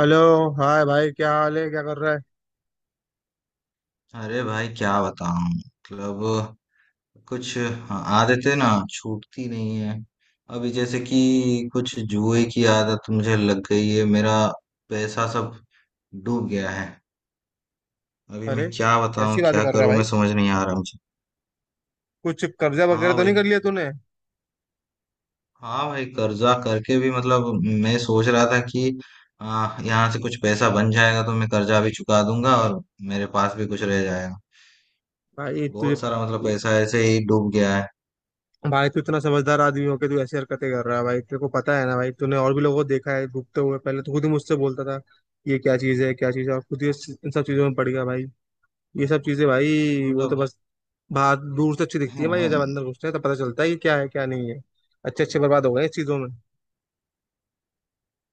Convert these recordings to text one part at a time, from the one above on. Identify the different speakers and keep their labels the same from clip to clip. Speaker 1: Hello. Hi भाई, क्या हाल है? क्या कर रहा है?
Speaker 2: अरे भाई क्या बताऊं मतलब कुछ आदतें ना छूटती नहीं है। अभी जैसे कि कुछ जुए की आदत मुझे लग गई है। मेरा पैसा सब डूब गया है। अभी मैं
Speaker 1: अरे
Speaker 2: क्या बताऊं,
Speaker 1: कैसी बातें
Speaker 2: क्या
Speaker 1: कर रहा है
Speaker 2: करूं, मैं
Speaker 1: भाई?
Speaker 2: समझ नहीं आ रहा मुझे।
Speaker 1: कुछ कर्जा वगैरह
Speaker 2: हाँ
Speaker 1: तो नहीं
Speaker 2: भाई,
Speaker 1: कर लिया तूने?
Speaker 2: हाँ भाई, कर्जा करके भी मतलब मैं सोच रहा था कि यहाँ से कुछ पैसा बन जाएगा तो मैं कर्जा भी चुका दूंगा और मेरे पास भी कुछ रह जाएगा।
Speaker 1: भाई तुझे...
Speaker 2: बहुत सारा मतलब पैसा ऐसे ही डूब गया है,
Speaker 1: भाई तू इतना समझदार आदमी हो के तू ऐसी हरकतें कर रहा है भाई। तेरे को पता है ना भाई, तूने और भी लोगों को देखा है डूबते हुए, पहले तो खुद ही मुझसे बोलता था ये क्या चीज़ है, क्या चीज़ है। और खुद ही इन सब चीज़ों में पड़ गया भाई। ये सब चीज़ें भाई, वो तो
Speaker 2: मतलब।
Speaker 1: बस बाहर दूर से अच्छी दिखती है भाई। ये जब
Speaker 2: हाँ
Speaker 1: अंदर घुसते हैं तो पता चलता है कि क्या है क्या नहीं है। अच्छे अच्छे बर्बाद हो गए इस चीज़ों में।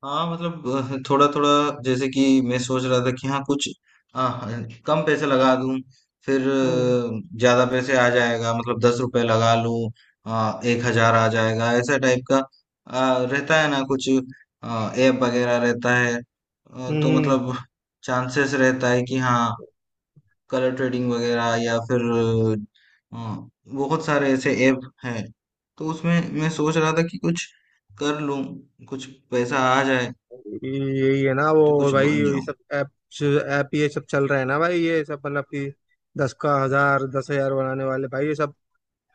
Speaker 2: हाँ, मतलब थोड़ा थोड़ा, जैसे कि मैं सोच रहा था कि हाँ कुछ, हाँ, कम पैसे लगा दूं। फिर
Speaker 1: हम्म।
Speaker 2: ज्यादा पैसे आ जाएगा मतलब 10 रुपए लगा लूं। 1 हजार आ जाएगा ऐसा टाइप का। रहता है ना कुछ ऐप वगैरह रहता है, तो
Speaker 1: हम्म।
Speaker 2: मतलब चांसेस रहता है कि हाँ, कलर ट्रेडिंग वगैरह, या फिर अ, बहुत सारे ऐसे ऐप हैं। तो उसमें मैं सोच रहा था कि कुछ कर लूं, कुछ पैसा आ जाए,
Speaker 1: यही है ना
Speaker 2: तो
Speaker 1: वो
Speaker 2: कुछ
Speaker 1: भाई,
Speaker 2: बन
Speaker 1: ये
Speaker 2: जाऊं।
Speaker 1: सब ऐप। ऐप, ये सब चल रहा है ना भाई, ये सब मतलब कि दस का हजार, 10 हजार बनाने वाले भाई, ये सब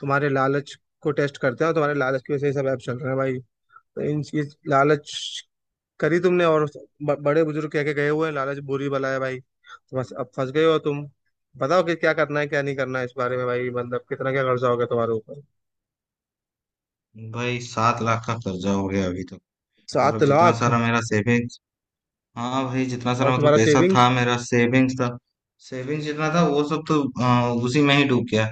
Speaker 1: तुम्हारे लालच को टेस्ट करते हैं, और तुम्हारे लालच की वजह से ये सब ऐप चल रहे हैं भाई। तो इन, ये लालच करी तुमने। और बड़े बुजुर्ग कह के गए हुए हैं, लालच बुरी बला है भाई। तो बस अब फंस गए हो तुम। बताओ कि क्या करना है क्या नहीं करना है इस बारे में भाई, मतलब कितना क्या कर्जा हो गया तुम्हारे ऊपर?
Speaker 2: भाई 7 लाख का कर्जा हो गया अभी तक,
Speaker 1: सात
Speaker 2: मतलब जितना
Speaker 1: लाख
Speaker 2: सारा मेरा सेविंग्स। हाँ भाई, जितना
Speaker 1: और
Speaker 2: सारा मतलब
Speaker 1: तुम्हारा
Speaker 2: पैसा था
Speaker 1: सेविंग्स?
Speaker 2: मेरा सेविंग्स था। सेविंग्स जितना था वो सब तो उसी में ही डूब गया।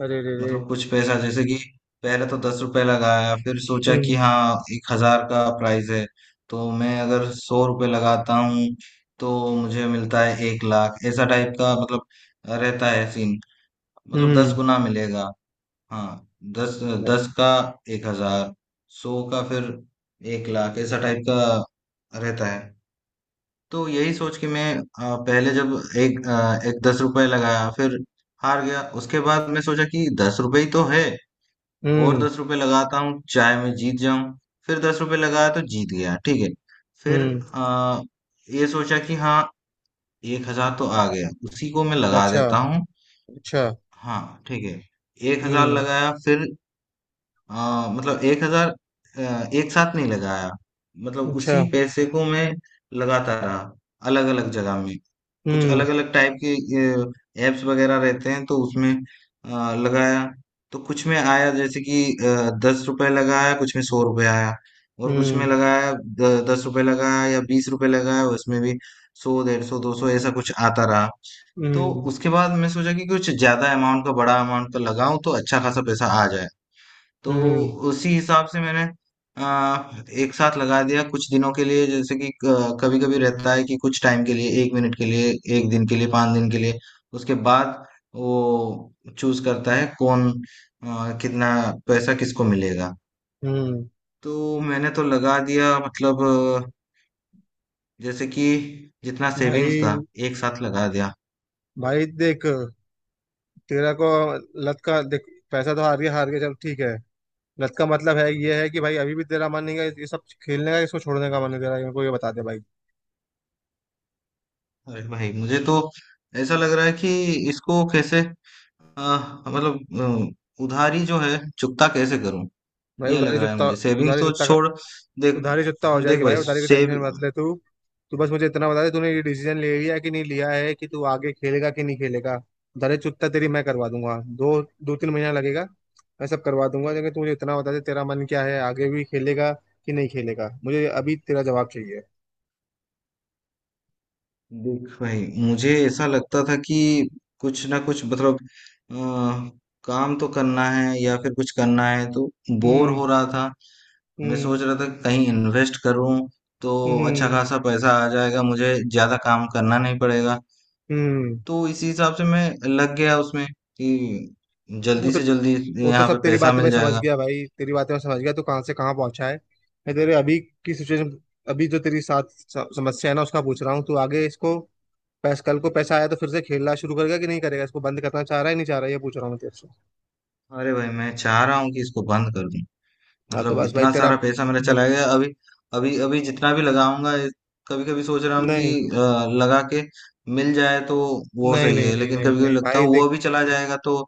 Speaker 1: अरे रे रे।
Speaker 2: मतलब कुछ पैसा जैसे कि, पहले तो 10 रुपए लगाया, फिर सोचा कि
Speaker 1: हम्म।
Speaker 2: हाँ 1 हजार का प्राइस है। तो मैं अगर 100 रुपए लगाता हूँ, तो मुझे मिलता है 1 लाख, ऐसा टाइप का मतलब रहता है सीन। मतलब दस
Speaker 1: हम्म।
Speaker 2: गुना मिलेगा। हाँ। दस, दस का 1 हजार, सौ का फिर 1 लाख, ऐसा टाइप का रहता है। तो यही सोच के मैं पहले जब एक 10 रुपए लगाया, फिर हार गया। उसके बाद मैं सोचा कि 10 रुपए ही तो है, और
Speaker 1: हम्म।
Speaker 2: 10 रुपए लगाता हूँ, चाहे मैं जीत जाऊं। फिर 10 रुपए लगाया तो जीत गया, ठीक है। फिर
Speaker 1: हम्म।
Speaker 2: अ, ये सोचा कि हाँ, एक हजार तो आ गया, उसी को मैं लगा
Speaker 1: अच्छा।
Speaker 2: देता हूँ।
Speaker 1: अच्छा।
Speaker 2: हाँ ठीक है, 1 हजार
Speaker 1: हम्म।
Speaker 2: लगाया फिर, हाँ मतलब 1 हजार एक साथ नहीं लगाया। मतलब उसी
Speaker 1: अच्छा।
Speaker 2: पैसे को मैं लगाता रहा, अलग अलग जगह में। कुछ
Speaker 1: हम्म।
Speaker 2: अलग अलग टाइप के एप्स वगैरह रहते हैं, तो उसमें लगाया। तो कुछ में आया, जैसे कि 10 रुपए लगाया, कुछ में 100 रुपए आया। और कुछ में
Speaker 1: हम्म।
Speaker 2: लगाया, 10 रुपए लगाया या 20 रुपए लगाया, उसमें भी 100, 150, 200 ऐसा कुछ आता रहा। तो
Speaker 1: हम्म।
Speaker 2: उसके बाद मैं सोचा कि कुछ ज्यादा अमाउंट का, बड़ा अमाउंट का लगाऊं तो अच्छा खासा पैसा आ जाए। तो
Speaker 1: हम्म।
Speaker 2: उसी हिसाब से मैंने आ, एक साथ लगा दिया, कुछ दिनों के लिए, जैसे कि कभी कभी रहता है कि कुछ टाइम के लिए, 1 मिनट के लिए, 1 दिन के लिए, 5 दिन के लिए। उसके बाद वो चूज करता है कौन कितना पैसा किसको मिलेगा।
Speaker 1: हम्म।
Speaker 2: तो मैंने तो लगा दिया मतलब, अ, जैसे कि जितना सेविंग्स
Speaker 1: भाई,
Speaker 2: था एक साथ लगा दिया।
Speaker 1: भाई देख, तेरा को लत का देख, पैसा तो हार गया हार गया, चल ठीक है। लत का मतलब है ये है कि भाई अभी भी तेरा मन नहीं है ये सब खेलने का, इसको छोड़ने का मन नहीं तेरा? मेरे को ये बता दे भाई।
Speaker 2: अरे भाई, मुझे तो ऐसा लग रहा है कि इसको कैसे, मतलब उधारी जो है चुकता कैसे करूं।
Speaker 1: भाई
Speaker 2: ये लग
Speaker 1: उधारी
Speaker 2: रहा है
Speaker 1: चुत्ता,
Speaker 2: मुझे, सेविंग्स
Speaker 1: उधारी
Speaker 2: तो
Speaker 1: चुत्ता,
Speaker 2: छोड़। देख।
Speaker 1: उधारी चुकता हो
Speaker 2: हाँ, देख
Speaker 1: जाएगी
Speaker 2: भाई,
Speaker 1: भाई, उधारी की
Speaker 2: सेव
Speaker 1: टेंशन मत ले तू। तू बस मुझे इतना बता दे, तूने ये डिसीजन ले लिया है कि नहीं लिया है, कि तू आगे खेलेगा कि नहीं खेलेगा? उधारी चुकता तेरी मैं करवा दूंगा, दो दो तीन महीना लगेगा, मैं सब करवा दूंगा। लेकिन तू मुझे इतना बता दे तेरा मन क्या है, आगे भी खेलेगा कि नहीं खेलेगा, मुझे अभी तेरा जवाब चाहिए।
Speaker 2: देख भाई, मुझे ऐसा लगता था कि कुछ ना कुछ मतलब अ, काम तो करना है या फिर कुछ करना है, तो बोर
Speaker 1: हम्म।
Speaker 2: हो रहा था। मैं सोच
Speaker 1: हम्म।
Speaker 2: रहा था कि कहीं इन्वेस्ट करूं, तो अच्छा
Speaker 1: हम्म।
Speaker 2: खासा पैसा आ जाएगा, मुझे ज्यादा काम करना नहीं पड़ेगा।
Speaker 1: हम्म।
Speaker 2: तो इसी हिसाब से मैं लग गया उसमें कि
Speaker 1: वो
Speaker 2: जल्दी
Speaker 1: तो
Speaker 2: से जल्दी
Speaker 1: वो तो
Speaker 2: यहाँ
Speaker 1: सब
Speaker 2: पे
Speaker 1: तेरी
Speaker 2: पैसा
Speaker 1: बातें मैं
Speaker 2: मिल
Speaker 1: समझ
Speaker 2: जाएगा।
Speaker 1: गया भाई, तेरी बातें मैं समझ गया, तू कहाँ से कहाँ पहुंचा है। मैं तेरे अभी की सिचुएशन, अभी जो तेरी साथ समस्या है ना उसका पूछ रहा हूँ। तू आगे इसको, बस कल को पैसा आया तो फिर से खेलना शुरू करेगा कि नहीं करेगा, इसको बंद करना चाह रहा है नहीं चाह रहा है, ये पूछ रहा हूँ मैं तेरे से।
Speaker 2: अरे भाई, मैं चाह रहा हूँ कि इसको बंद कर दूं।
Speaker 1: हाँ तो
Speaker 2: मतलब
Speaker 1: बस भाई
Speaker 2: इतना
Speaker 1: तेरा,
Speaker 2: सारा पैसा मेरा चला गया। अभी अभी अभी जितना भी लगाऊंगा, कभी कभी सोच रहा हूँ कि
Speaker 1: नहीं
Speaker 2: लगा के मिल जाए तो वो
Speaker 1: नहीं
Speaker 2: सही
Speaker 1: नहीं
Speaker 2: है,
Speaker 1: नहीं
Speaker 2: लेकिन
Speaker 1: नहीं
Speaker 2: कभी कभी
Speaker 1: नहीं
Speaker 2: लगता है
Speaker 1: भाई देख,
Speaker 2: वो भी चला
Speaker 1: देख,
Speaker 2: जाएगा, तो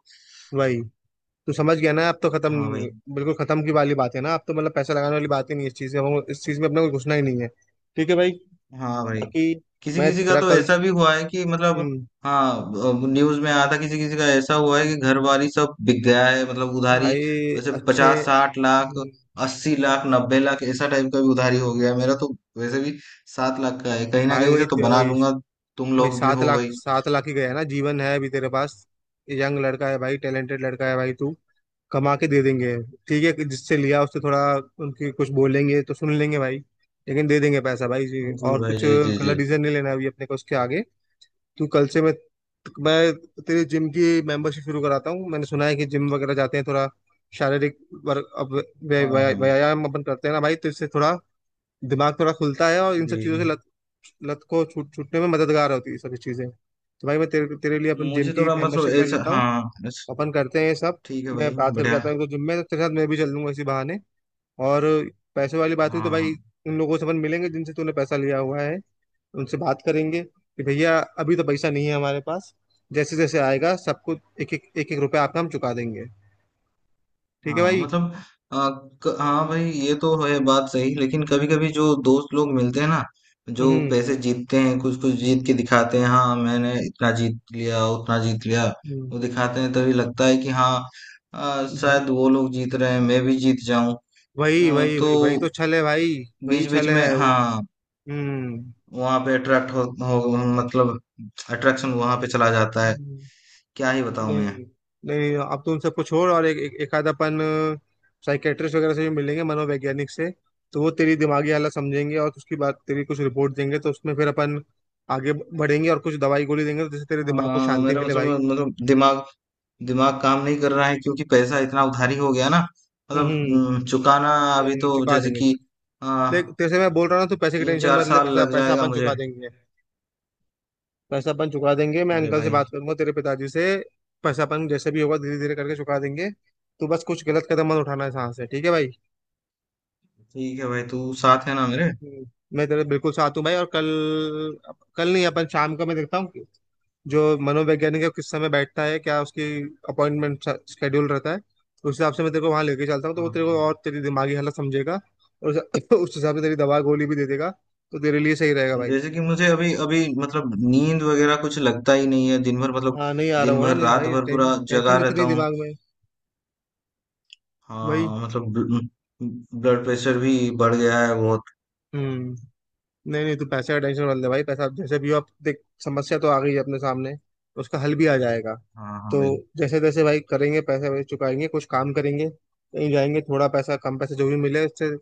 Speaker 1: भाई तू समझ गया ना? अब तो
Speaker 2: हाँ भाई।
Speaker 1: खत्म, बिल्कुल खत्म की वाली बात है ना अब तो, मतलब पैसा लगाने वाली बात ही नहीं है इस चीज में, हम इस चीज में अपने को घुसना ही नहीं है। ठीक है भाई?
Speaker 2: हाँ भाई,
Speaker 1: बाकी
Speaker 2: किसी
Speaker 1: मैं
Speaker 2: किसी का
Speaker 1: तेरा
Speaker 2: तो
Speaker 1: कल,
Speaker 2: ऐसा भी हुआ है कि मतलब,
Speaker 1: हम्म,
Speaker 2: हाँ, न्यूज में आया था, किसी किसी का ऐसा हुआ है कि घर वाली सब बिक गया है, मतलब उधारी
Speaker 1: भाई
Speaker 2: वैसे
Speaker 1: अच्छे,
Speaker 2: 50-60 लाख,
Speaker 1: हम्म,
Speaker 2: 80 लाख, 90 लाख ऐसा टाइप का भी उधारी हो गया है। मेरा तो वैसे भी 7 लाख का है, कहीं ना
Speaker 1: भाई
Speaker 2: कहीं से
Speaker 1: वही
Speaker 2: तो
Speaker 1: तेरा
Speaker 2: बना
Speaker 1: भाई।
Speaker 2: लूंगा। तुम
Speaker 1: भाई
Speaker 2: लोग भी
Speaker 1: सात
Speaker 2: हो
Speaker 1: लाख
Speaker 2: भाई।
Speaker 1: 7 लाख ही गया ना, जीवन है अभी तेरे पास। यंग लड़का है भाई, टैलेंटेड लड़का है भाई, तू कमा के दे देंगे। ठीक है कि जिससे लिया उससे थोड़ा, उनकी कुछ बोलेंगे तो सुन लेंगे भाई। लेकिन दे देंगे पैसा भाई जी।
Speaker 2: जी
Speaker 1: और
Speaker 2: भाई,
Speaker 1: कुछ
Speaker 2: जी जी जी।
Speaker 1: गलत डिसीजन नहीं लेना है अभी अपने को उसके आगे। तू कल से, मैं तेरी जिम की मेंबरशिप शुरू कराता हूँ। मैंने सुना है कि जिम वगैरह जाते हैं थोड़ा, शारीरिक वर्क, अब
Speaker 2: हाँ
Speaker 1: व्या- व्या-
Speaker 2: हाँ।
Speaker 1: व्यायाम अपन करते हैं ना भाई, तो इससे थोड़ा दिमाग थोड़ा खुलता है, और इन
Speaker 2: जी
Speaker 1: सब चीज़ों
Speaker 2: जी।
Speaker 1: से लत, लत को छूटने में मददगार होती है ये सभी चीज़ें। तो भाई मैं तेरे तेरे लिए अपन जिम
Speaker 2: मुझे
Speaker 1: की
Speaker 2: थोड़ा मतलब
Speaker 1: मेंबरशिप में
Speaker 2: ऐसा,
Speaker 1: लेता हूँ,
Speaker 2: हाँ बस।
Speaker 1: अपन करते हैं ये सब।
Speaker 2: ठीक है
Speaker 1: मैं
Speaker 2: भाई,
Speaker 1: बात करके
Speaker 2: बढ़िया।
Speaker 1: आता हूँ एक दो जिम में, तो तेरे साथ मैं भी चल लूंगा इसी बहाने। और पैसे वाली बात हुई तो
Speaker 2: हाँ
Speaker 1: भाई, उन लोगों से अपन मिलेंगे जिनसे तूने पैसा लिया हुआ है, उनसे बात करेंगे कि भैया अभी तो पैसा नहीं है हमारे पास, जैसे जैसे आएगा सबको एक एक एक एक रुपया आपका हम चुका देंगे। ठीक है
Speaker 2: हाँ,
Speaker 1: भाई?
Speaker 2: मतलब हाँ भाई, ये तो है बात सही, लेकिन कभी कभी जो दोस्त लोग मिलते हैं ना, जो
Speaker 1: हम्म।
Speaker 2: पैसे जीतते हैं, कुछ कुछ जीत के दिखाते हैं, हाँ मैंने इतना जीत लिया, उतना जीत लिया।
Speaker 1: हम्म,
Speaker 2: वो दिखाते हैं, तभी लगता है कि हाँ,
Speaker 1: भाई
Speaker 2: शायद वो लोग जीत रहे हैं, मैं भी जीत जाऊं।
Speaker 1: वही वही
Speaker 2: तो
Speaker 1: वही वही तो छल है भाई, वही
Speaker 2: बीच बीच
Speaker 1: छल
Speaker 2: में
Speaker 1: है वो।
Speaker 2: हाँ,
Speaker 1: हम्म।
Speaker 2: वहां पे अट्रैक्ट हो, मतलब अट्रैक्शन वहां पे चला जाता है।
Speaker 1: हम्म।
Speaker 2: क्या ही बताऊं मैं।
Speaker 1: नहीं नहीं, आप तो उनसे कुछ और एक आध अपन साइकेट्रिस्ट वगैरह से भी मिलेंगे, मनोवैज्ञानिक से। तो वो तेरी दिमागी हालत समझेंगे, और उसकी बात, तेरी कुछ रिपोर्ट देंगे तो उसमें फिर अपन आगे बढ़ेंगे, और कुछ दवाई गोली देंगे तो जिससे तेरे दिमाग को
Speaker 2: हाँ
Speaker 1: शांति
Speaker 2: मेरा
Speaker 1: मिले भाई।
Speaker 2: मतलब दिमाग दिमाग काम नहीं कर रहा है, क्योंकि पैसा इतना उधारी हो गया ना। मतलब
Speaker 1: हम्म।
Speaker 2: चुकाना अभी
Speaker 1: नहीं नहीं,
Speaker 2: तो
Speaker 1: चुका
Speaker 2: जैसे
Speaker 1: देंगे।
Speaker 2: कि आ,
Speaker 1: देख, तेरे से मैं बोल रहा हूँ, तू पैसे की
Speaker 2: तीन
Speaker 1: टेंशन
Speaker 2: चार
Speaker 1: मत ले,
Speaker 2: साल
Speaker 1: पैसा
Speaker 2: लग
Speaker 1: पैसा
Speaker 2: जाएगा
Speaker 1: अपन
Speaker 2: मुझे।
Speaker 1: चुका देंगे। पैसा अपन चुका देंगे, मैं
Speaker 2: अरे
Speaker 1: अंकल से
Speaker 2: भाई,
Speaker 1: बात करूंगा तेरे पिताजी से। पैसा अपन जैसे भी होगा धीरे धीरे करके चुका देंगे। तू बस कुछ गलत कदम मत उठाना है यहाँ से, ठीक है भाई?
Speaker 2: ठीक है भाई, तू साथ है ना मेरे?
Speaker 1: हम्म, मैं तेरे बिल्कुल साथ हूँ भाई। और कल, कल नहीं, अपन शाम को मैं देखता हूँ कि जो मनोवैज्ञानिक है किस समय बैठता है, क्या उसकी अपॉइंटमेंट शेड्यूल रहता है। उस हिसाब से मैं तेरे को वहां लेके चलता हूँ, तो वो
Speaker 2: हाँ।
Speaker 1: तेरे को और तेरी दिमागी हालत समझेगा। और उस उस हिसाब से तेरी दवा गोली भी दे देगा, तो तेरे लिए सही रहेगा भाई।
Speaker 2: जैसे कि मुझे अभी अभी मतलब, नींद वगैरह कुछ लगता ही नहीं है दिन भर, मतलब।
Speaker 1: हाँ, नहीं आ रहा
Speaker 2: दिन
Speaker 1: होगा ना
Speaker 2: भर
Speaker 1: नींद
Speaker 2: रात
Speaker 1: भाई,
Speaker 2: भर पूरा जगा
Speaker 1: टेंशन
Speaker 2: रहता
Speaker 1: इतनी
Speaker 2: हूँ।
Speaker 1: दिमाग में। वही।
Speaker 2: हाँ मतलब, ब्लड प्रेशर भी बढ़ गया है बहुत।
Speaker 1: हम्म। नहीं नहीं, तू पैसे का टेंशन मत ले भाई, पैसा जैसे भी हो, आप देख, समस्या तो आ गई है अपने सामने, उसका हल भी आ जाएगा।
Speaker 2: हाँ हाँ
Speaker 1: तो
Speaker 2: भाई।
Speaker 1: जैसे तैसे भाई करेंगे, पैसे वैसे चुकाएंगे, कुछ काम करेंगे कहीं जाएंगे, थोड़ा पैसा, कम पैसे जो भी मिले उससे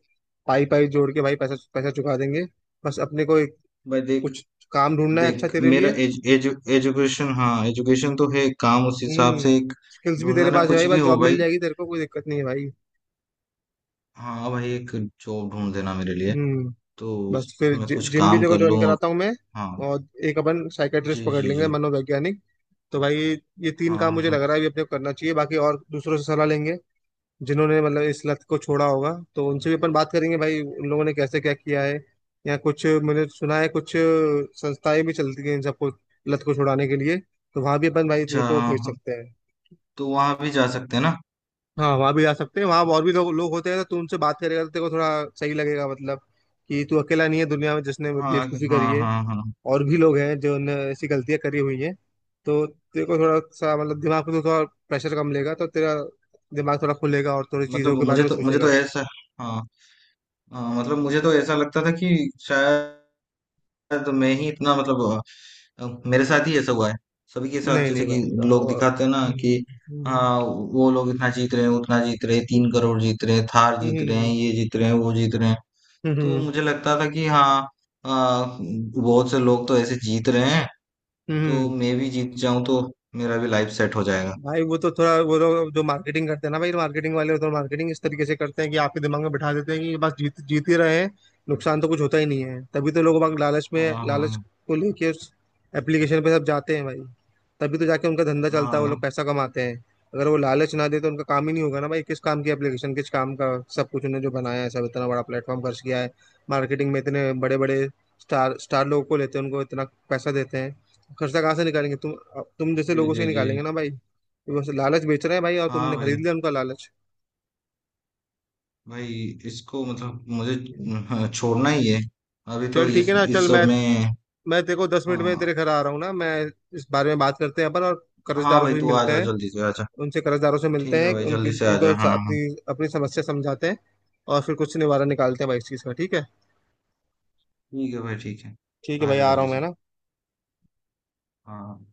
Speaker 1: पाई पाई जोड़ के भाई पैसा पैसा चुका देंगे। बस अपने को एक,
Speaker 2: भाई देख,
Speaker 1: कुछ काम ढूंढना है अच्छा
Speaker 2: देख
Speaker 1: तेरे
Speaker 2: मेरा
Speaker 1: लिए।
Speaker 2: एजुकेशन, हाँ एजुकेशन तो है, काम उस हिसाब
Speaker 1: हम्म।
Speaker 2: से एक
Speaker 1: स्किल्स भी
Speaker 2: ढूंढ
Speaker 1: तेरे
Speaker 2: देना,
Speaker 1: पास है
Speaker 2: कुछ
Speaker 1: भाई, बस
Speaker 2: भी हो
Speaker 1: जॉब मिल
Speaker 2: भाई।
Speaker 1: जाएगी तेरे को, कोई दिक्कत नहीं है भाई।
Speaker 2: हाँ भाई, एक जॉब ढूंढ देना मेरे लिए,
Speaker 1: हम्म।
Speaker 2: तो
Speaker 1: बस फिर
Speaker 2: मैं कुछ
Speaker 1: जिम भी
Speaker 2: काम
Speaker 1: देखो
Speaker 2: कर
Speaker 1: ज्वाइन
Speaker 2: लूँ और।
Speaker 1: कराता हूँ मैं,
Speaker 2: हाँ।
Speaker 1: और एक अपन
Speaker 2: जी
Speaker 1: साइकेट्रिस्ट पकड़
Speaker 2: जी
Speaker 1: लेंगे,
Speaker 2: जी।
Speaker 1: मनोवैज्ञानिक। तो भाई ये तीन
Speaker 2: हाँ
Speaker 1: काम
Speaker 2: हाँ
Speaker 1: मुझे
Speaker 2: हाँ।
Speaker 1: लग रहा है अभी अपने को करना चाहिए। बाकी और दूसरों से सलाह लेंगे, जिन्होंने मतलब इस लत को छोड़ा होगा तो उनसे भी अपन बात करेंगे भाई, उन लोगों ने कैसे क्या किया है। या कुछ मैंने सुना है, कुछ संस्थाएं भी चलती हैं इन सबको, लत को छुड़ाने के लिए, तो वहां भी अपन भाई तेरे
Speaker 2: अच्छा,
Speaker 1: को भेज
Speaker 2: हाँ,
Speaker 1: सकते हैं।
Speaker 2: तो वहाँ भी जा सकते हैं ना?
Speaker 1: हाँ वहां भी जा सकते हैं, वहां और भी लोग लोग होते हैं, तो तू उनसे बात करेगा तो तेरे को थोड़ा सही लगेगा, मतलब कि तू अकेला नहीं है दुनिया में जिसने
Speaker 2: हाँ
Speaker 1: बेवकूफी
Speaker 2: हाँ
Speaker 1: करी है।
Speaker 2: हाँ। हाँ
Speaker 1: और भी लोग हैं जो ने ऐसी गलतियां करी हुई हैं। तो तेरे को थोड़ा सा मतलब दिमाग पे तो थोड़ा प्रेशर कम लेगा, तो तेरा दिमाग थोड़ा खुलेगा और थोड़ी चीजों
Speaker 2: मतलब
Speaker 1: के बारे
Speaker 2: मुझे
Speaker 1: में
Speaker 2: तो मुझे
Speaker 1: सोचेगा
Speaker 2: तो
Speaker 1: तू।
Speaker 2: ऐसा, हाँ, हाँ, मतलब मुझे तो ऐसा लगता था कि शायद तो मैं ही इतना मतलब, मेरे साथ ही ऐसा हुआ है। सभी के साथ,
Speaker 1: नहीं नहीं
Speaker 2: जैसे कि
Speaker 1: भाई
Speaker 2: लोग दिखाते हैं ना
Speaker 1: हम्म।
Speaker 2: कि हाँ,
Speaker 1: हम्म।
Speaker 2: वो लोग इतना जीत रहे हैं, उतना जीत रहे हैं, 3 करोड़ जीत रहे हैं, थार
Speaker 1: हम्म।
Speaker 2: जीत रहे हैं,
Speaker 1: हम्म।
Speaker 2: ये जीत रहे हैं, वो जीत रहे हैं। तो
Speaker 1: हम्म।
Speaker 2: मुझे लगता था कि हाँ, अ, बहुत से लोग तो ऐसे जीत रहे हैं,
Speaker 1: हम्म।
Speaker 2: तो
Speaker 1: हम्म।
Speaker 2: मैं भी जीत जाऊं, तो मेरा भी लाइफ सेट हो जाएगा।
Speaker 1: भाई वो तो थोड़ा, वो लोग जो मार्केटिंग करते हैं ना भाई, मार्केटिंग वाले तो मार्केटिंग इस तरीके से करते हैं कि आपके दिमाग में बिठा देते हैं कि बस जीत जीत ही रहे हैं, नुकसान तो कुछ होता ही नहीं है। तभी तो लोग बाग लालच में,
Speaker 2: हाँ
Speaker 1: लालच
Speaker 2: हाँ
Speaker 1: को लेके उस एप्लीकेशन पे सब जाते हैं भाई। तभी तो जाके उनका धंधा चलता है, वो
Speaker 2: हाँ।
Speaker 1: लोग पैसा कमाते हैं। अगर वो लालच ना दे तो उनका काम ही नहीं होगा ना भाई, किस काम की एप्लीकेशन, किस काम का सब कुछ उन्होंने जो बनाया है, सब इतना बड़ा प्लेटफॉर्म खर्च किया है मार्केटिंग में, इतने बड़े बड़े स्टार स्टार लोगों को लेते हैं, उनको इतना पैसा देते हैं, खर्चा कहाँ से निकालेंगे? तुम जैसे
Speaker 2: जी
Speaker 1: लोगों से
Speaker 2: जी
Speaker 1: ही
Speaker 2: जी।
Speaker 1: निकालेंगे ना भाई। बस लालच बेच रहे हैं भाई, और
Speaker 2: हाँ
Speaker 1: तुमने खरीद
Speaker 2: भाई।
Speaker 1: लिया उनका लालच।
Speaker 2: भाई इसको, मतलब मुझे छोड़ना ही है, अभी तो
Speaker 1: चल ठीक
Speaker 2: इस
Speaker 1: है ना, चल,
Speaker 2: इस सब
Speaker 1: मैं
Speaker 2: में।
Speaker 1: मैं तेरे को 10 मिनट में
Speaker 2: हाँ
Speaker 1: तेरे घर आ रहा हूँ ना मैं, इस बारे में बात करते हैं अपन, और
Speaker 2: हाँ
Speaker 1: कर्जदारों
Speaker 2: भाई,
Speaker 1: से भी
Speaker 2: तू आ
Speaker 1: मिलते
Speaker 2: जा
Speaker 1: हैं।
Speaker 2: जल्दी से, आ जा।
Speaker 1: उनसे, कर्जदारों से मिलते
Speaker 2: ठीक है
Speaker 1: हैं,
Speaker 2: भाई,
Speaker 1: उनकी
Speaker 2: जल्दी से आ जा।
Speaker 1: उनको
Speaker 2: हाँ हाँ हाँ।
Speaker 1: अपनी अपनी समस्या समझाते हैं, और फिर कुछ निवारण निकालते हैं भाई इस चीज़ का, ठीक है?
Speaker 2: ठीक है भाई ठीक है।
Speaker 1: ठीक है
Speaker 2: आ
Speaker 1: भाई,
Speaker 2: जा
Speaker 1: आ रहा
Speaker 2: जल्दी
Speaker 1: हूँ मैं
Speaker 2: से।
Speaker 1: ना।
Speaker 2: हाँ हाँ।